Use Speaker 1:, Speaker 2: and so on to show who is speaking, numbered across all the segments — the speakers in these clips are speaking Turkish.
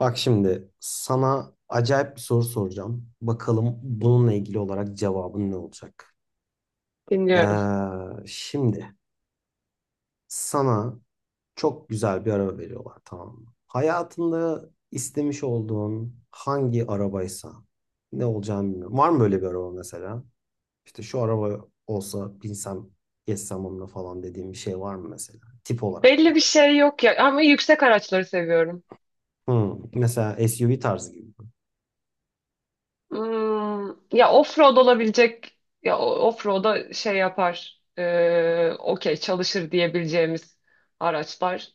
Speaker 1: Bak şimdi sana acayip bir soru soracağım. Bakalım bununla ilgili olarak cevabın ne olacak?
Speaker 2: Dinliyorum.
Speaker 1: Şimdi sana çok güzel bir araba veriyorlar, tamam mı? Hayatında istemiş olduğun hangi arabaysa ne olacağını bilmiyorum. Var mı böyle bir araba mesela? İşte şu araba olsa binsem geçsem onunla falan dediğim bir şey var mı mesela? Tip olarak.
Speaker 2: Belli bir şey yok ya ama yüksek araçları seviyorum.
Speaker 1: Hmm, mesela SUV tarzı gibi.
Speaker 2: Hmm, ya off-road olabilecek ya off-road'a şey yapar. Okey çalışır diyebileceğimiz araçlar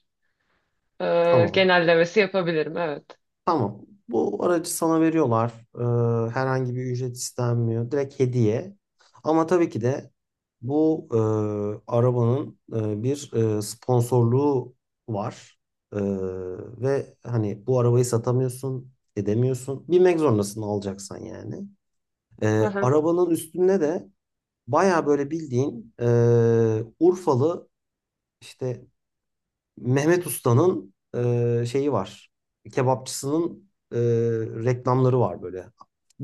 Speaker 2: e,
Speaker 1: Tamam.
Speaker 2: genellemesi yapabilirim, evet.
Speaker 1: Tamam. Bu aracı sana veriyorlar. Herhangi bir ücret istenmiyor. Direkt hediye. Ama tabii ki de bu arabanın bir sponsorluğu var. Ee, Ve hani bu arabayı satamıyorsun, edemiyorsun. Binmek zorundasın alacaksan yani.
Speaker 2: Hı hı.
Speaker 1: Arabanın üstünde de baya böyle bildiğin Urfalı işte Mehmet Usta'nın şeyi var. Kebapçısının reklamları var böyle.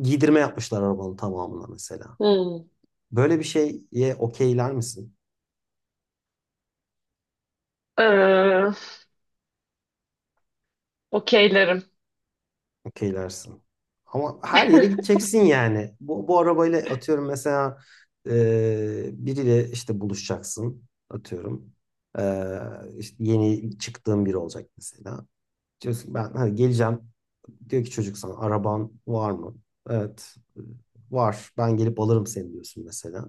Speaker 1: Giydirme yapmışlar arabanın tamamına mesela.
Speaker 2: Hmm.
Speaker 1: Böyle bir şeye okeyler misin?
Speaker 2: Ee, Okeylerim.
Speaker 1: Okeylersin. Ama her yere gideceksin yani. Bu arabayla atıyorum mesela biriyle işte buluşacaksın atıyorum. E, işte yeni çıktığın biri olacak mesela. Diyorsun ki ben hani geleceğim. Diyor ki çocuk, sana araban var mı? Evet var, ben gelip alırım seni diyorsun mesela.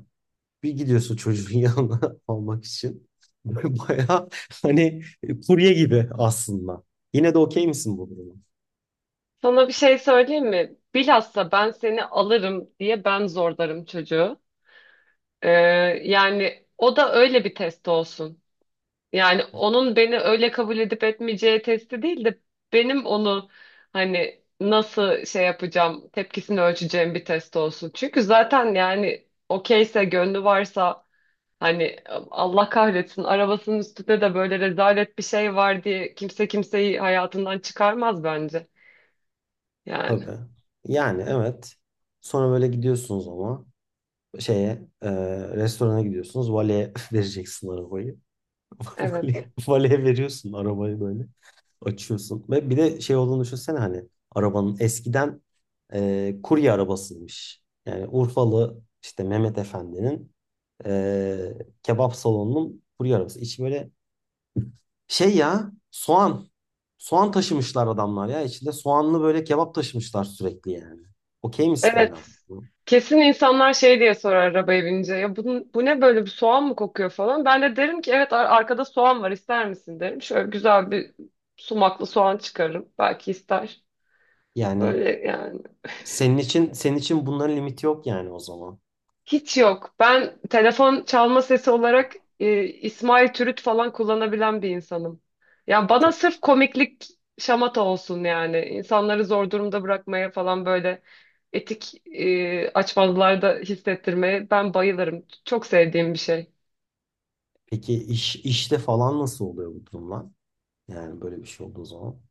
Speaker 1: Bir gidiyorsun çocuğun yanına almak için. Baya hani kurye gibi aslında. Yine de okey misin bu duruma?
Speaker 2: Sana bir şey söyleyeyim mi? Bilhassa ben seni alırım diye ben zorlarım çocuğu. Ee, Yani o da öyle bir test olsun. Yani onun beni öyle kabul edip etmeyeceği testi değil de benim onu hani nasıl şey yapacağım, tepkisini ölçeceğim bir test olsun. Çünkü zaten yani okeyse, gönlü varsa hani Allah kahretsin arabasının üstünde de böyle rezalet bir şey var diye kimse kimseyi hayatından çıkarmaz bence. Yani
Speaker 1: Tabii. Yani evet. Sonra böyle gidiyorsunuz ama şeye e, restorana gidiyorsunuz. Valeye vereceksin arabayı.
Speaker 2: evet.
Speaker 1: Valeye veriyorsun arabayı böyle. Açıyorsun. Ve bir de şey olduğunu düşünsene, hani arabanın eskiden kurye arabasıymış. Yani Urfalı işte Mehmet Efendi'nin e, kebap salonunun kurye arabası. İçi böyle şey ya, soğan. Soğan taşımışlar adamlar ya. İçinde soğanlı böyle kebap taşımışlar sürekli yani. Okey misin
Speaker 2: Evet.
Speaker 1: hala bu?
Speaker 2: Kesin insanlar şey diye sorar arabaya binince. Ya bu, bu ne, böyle bir soğan mı kokuyor falan. Ben de derim ki evet, arkada soğan var, ister misin derim. Şöyle güzel bir sumaklı soğan çıkarırım. Belki ister.
Speaker 1: Yani
Speaker 2: Böyle yani.
Speaker 1: senin için bunların limiti yok yani o zaman.
Speaker 2: Hiç yok. Ben telefon çalma sesi olarak İsmail Türüt falan kullanabilen bir insanım. Ya bana
Speaker 1: Çok.
Speaker 2: sırf komiklik, şamata olsun yani. İnsanları zor durumda bırakmaya falan, böyle etik açmazlarda hissettirmeye ben bayılırım. Çok sevdiğim bir şey.
Speaker 1: Peki işte falan nasıl oluyor bu durumlar? Yani böyle bir şey olduğu zaman.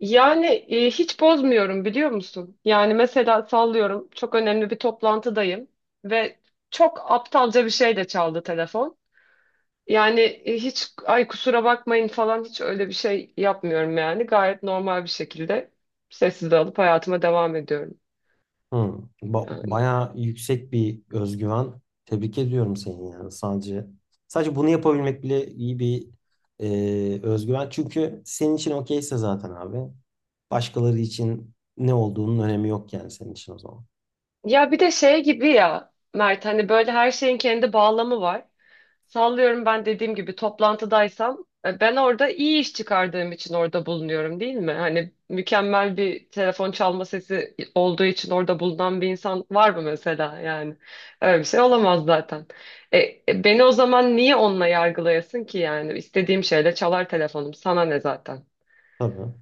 Speaker 2: Yani, hiç bozmuyorum, biliyor musun? Yani mesela sallıyorum, çok önemli bir toplantıdayım ve çok aptalca bir şey de çaldı telefon. Yani, hiç ay kusura bakmayın falan hiç öyle bir şey yapmıyorum yani. Gayet normal bir şekilde sessiz alıp hayatıma devam ediyorum.
Speaker 1: Hı.
Speaker 2: Yani.
Speaker 1: Bayağı yüksek bir özgüven. Tebrik ediyorum seni yani. Sadece bunu yapabilmek bile iyi bir özgüven. Çünkü senin için okeyse zaten abi. Başkaları için ne olduğunun önemi yok yani senin için o zaman.
Speaker 2: Ya bir de şey gibi ya Mert, hani böyle her şeyin kendi bağlamı var. Sallıyorum, ben dediğim gibi toplantıdaysam, ben orada iyi iş çıkardığım için orada bulunuyorum değil mi? Hani mükemmel bir telefon çalma sesi olduğu için orada bulunan bir insan var mı mesela yani? Öyle bir şey olamaz zaten. E, Beni o zaman niye onunla yargılayasın ki yani? İstediğim şeyle çalar telefonum, sana ne zaten?
Speaker 1: Tabii.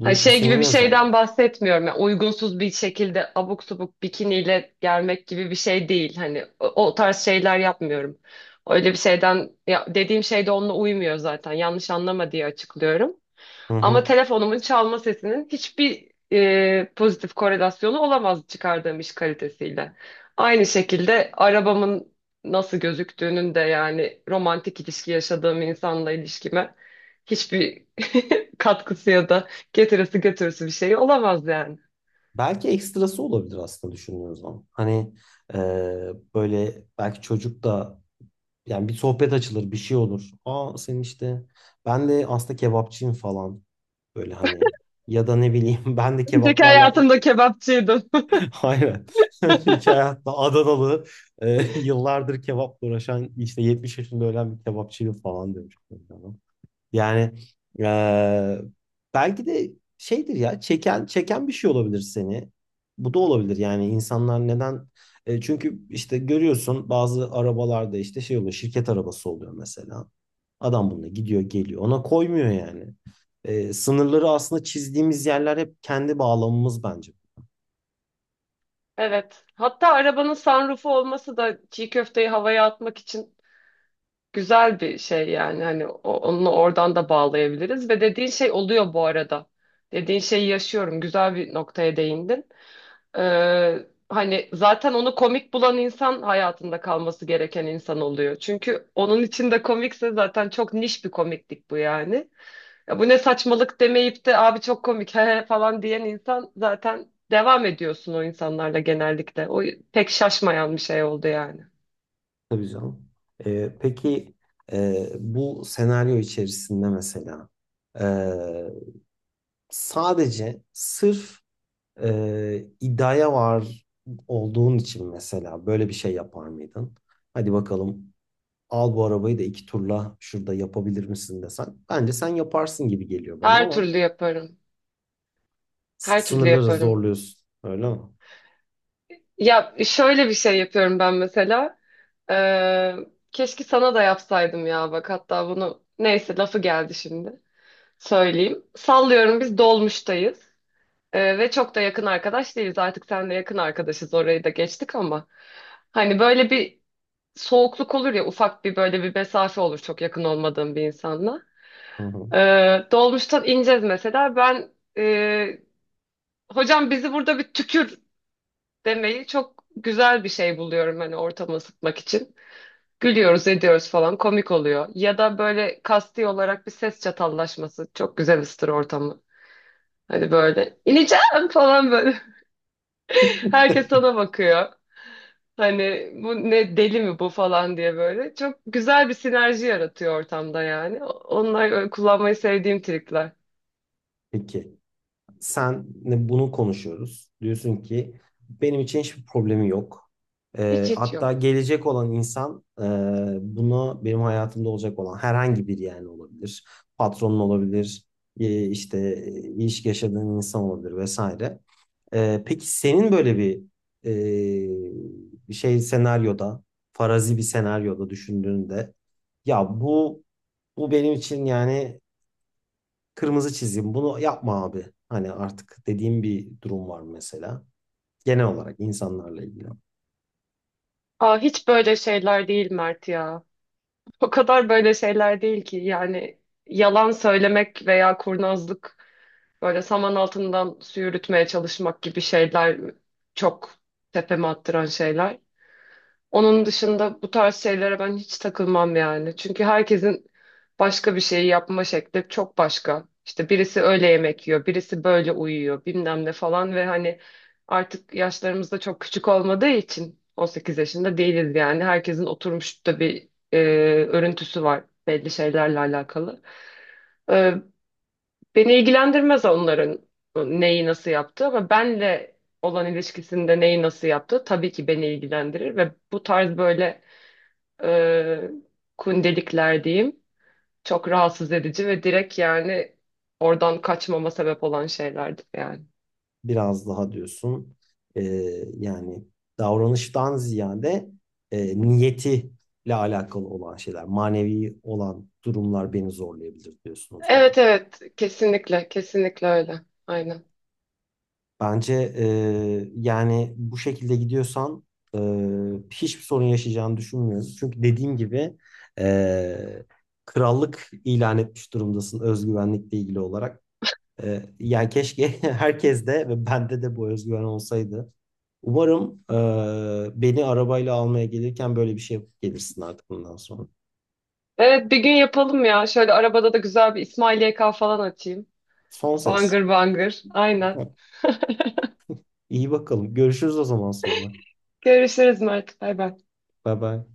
Speaker 2: Ha,
Speaker 1: bu
Speaker 2: şey gibi
Speaker 1: senin
Speaker 2: bir şeyden
Speaker 1: özelliğin.
Speaker 2: bahsetmiyorum. Yani uygunsuz bir şekilde abuk subuk bikiniyle gelmek gibi bir şey değil. Hani o tarz şeyler yapmıyorum. Öyle bir şeyden ya, dediğim şey de onunla uymuyor zaten. Yanlış anlama diye açıklıyorum.
Speaker 1: Hı
Speaker 2: Ama
Speaker 1: hı.
Speaker 2: telefonumun çalma sesinin hiçbir pozitif korelasyonu olamaz çıkardığım iş kalitesiyle. Aynı şekilde arabamın nasıl gözüktüğünün de yani romantik ilişki yaşadığım insanla ilişkime hiçbir katkısı ya da getirisi götürüsü bir şey olamaz yani.
Speaker 1: Belki ekstrası olabilir aslında düşündüğün zaman. Hani e, böyle belki çocuk da yani bir sohbet açılır, bir şey olur. Aa senin işte ben de aslında kebapçıyım falan. Böyle hani ya da ne bileyim ben de
Speaker 2: Önceki
Speaker 1: kebaplarla
Speaker 2: hayatımda kebapçıydım.
Speaker 1: aynen önceki hayatta Adanalı yıllardır kebapla uğraşan işte 70 yaşında ölen bir kebapçıydı falan demiş. Yani eee, belki de şeydir ya, çeken çeken bir şey olabilir seni. Bu da olabilir yani, insanlar neden. E, çünkü işte görüyorsun bazı arabalarda işte şey oluyor, şirket arabası oluyor mesela. Adam bununla gidiyor geliyor, ona koymuyor yani. E, sınırları aslında çizdiğimiz yerler hep kendi bağlamımız bence.
Speaker 2: Evet. Hatta arabanın sunroofu olması da çiğ köfteyi havaya atmak için güzel bir şey yani, hani onunla oradan da bağlayabiliriz ve dediğin şey oluyor bu arada. Dediğin şeyi yaşıyorum. Güzel bir noktaya değindin. Ee, Hani zaten onu komik bulan insan hayatında kalması gereken insan oluyor. Çünkü onun için de komikse zaten çok niş bir komiklik bu yani. Ya bu ne saçmalık demeyip de abi çok komik he he" falan diyen insan, zaten devam ediyorsun o insanlarla genellikle. O pek şaşmayan bir şey oldu yani.
Speaker 1: Tabii canım. Peki bu senaryo içerisinde mesela e, sadece sırf iddiaya var olduğun için mesela böyle bir şey yapar mıydın? Hadi bakalım, al bu arabayı da iki turla şurada yapabilir misin desen. Bence sen yaparsın gibi geliyor bana
Speaker 2: Her
Speaker 1: ama
Speaker 2: türlü yaparım. Her türlü
Speaker 1: sınırları
Speaker 2: yaparım.
Speaker 1: zorluyorsun. Öyle mi?
Speaker 2: Ya şöyle bir şey yapıyorum ben mesela. Ee, Keşke sana da yapsaydım ya bak, hatta bunu neyse lafı geldi şimdi söyleyeyim. Sallıyorum biz dolmuştayız, ve çok da yakın arkadaş değiliz. Artık seninle yakın arkadaşız, orayı da geçtik ama. Hani böyle bir soğukluk olur ya, ufak bir böyle bir mesafe olur çok yakın olmadığım bir insanla.
Speaker 1: Hı hı.
Speaker 2: Dolmuştan ineceğiz mesela, ben e, hocam bizi burada bir tükür demeyi çok güzel bir şey buluyorum hani, ortamı ısıtmak için. Gülüyoruz ediyoruz falan, komik oluyor. Ya da böyle kasti olarak bir ses çatallaşması çok güzel ısıtır ortamı. Hani böyle ineceğim falan böyle. Herkes sana bakıyor. Hani bu ne, deli mi bu falan diye böyle. Çok güzel bir sinerji yaratıyor ortamda yani. Onlar öyle kullanmayı sevdiğim trikler.
Speaker 1: Peki. Senle bunu konuşuyoruz. Diyorsun ki benim için hiçbir problemi yok.
Speaker 2: Hiç
Speaker 1: Hatta
Speaker 2: yok.
Speaker 1: gelecek olan insan, buna benim hayatımda olacak olan herhangi bir, yani olabilir. Patronun olabilir, işte ilişki yaşadığın insan olabilir vesaire. Peki senin böyle bir e, bir şey senaryoda, farazi bir senaryoda düşündüğünde, ya bu bu benim için yani kırmızı çizim, bunu yapma abi. Hani artık dediğim bir durum var mesela. Genel olarak insanlarla ilgili.
Speaker 2: Aa, hiç böyle şeyler değil Mert ya. O kadar böyle şeyler değil ki. Yani yalan söylemek veya kurnazlık, böyle saman altından su yürütmeye çalışmak gibi şeyler çok tepeme attıran şeyler. Onun dışında bu tarz şeylere ben hiç takılmam yani. Çünkü herkesin başka bir şeyi yapma şekli çok başka. İşte birisi öyle yemek yiyor, birisi böyle uyuyor, bilmem ne falan ve hani artık yaşlarımız da çok küçük olmadığı için 18 yaşında değiliz yani. Herkesin oturmuş da bir örüntüsü var belli şeylerle alakalı. E, Beni ilgilendirmez onların neyi nasıl yaptığı ama benle olan ilişkisinde neyi nasıl yaptığı tabii ki beni ilgilendirir ve bu tarz böyle e, kundelikler diyeyim. Çok rahatsız edici ve direkt yani oradan kaçmama sebep olan şeylerdi yani.
Speaker 1: Biraz daha diyorsun e, yani davranıştan ziyade niyetiyle alakalı olan şeyler, manevi olan durumlar beni zorlayabilir diyorsun o zaman.
Speaker 2: Evet, evet, kesinlikle, kesinlikle öyle. Aynen.
Speaker 1: Bence yani bu şekilde gidiyorsan e, hiçbir sorun yaşayacağını düşünmüyorum. Çünkü dediğim gibi e, krallık ilan etmiş durumdasın özgüvenlikle ilgili olarak. Yani keşke herkes de ve bende de bu özgüven olsaydı. Umarım beni arabayla almaya gelirken böyle bir şey yapıp gelirsin artık bundan sonra.
Speaker 2: Evet, bir gün yapalım ya. Şöyle arabada da güzel bir İsmail YK falan açayım.
Speaker 1: Son ses.
Speaker 2: Bangır bangır. Aynen.
Speaker 1: Evet. İyi bakalım. Görüşürüz o zaman sonra.
Speaker 2: Görüşürüz Mert. Bay bay.
Speaker 1: Bye bye.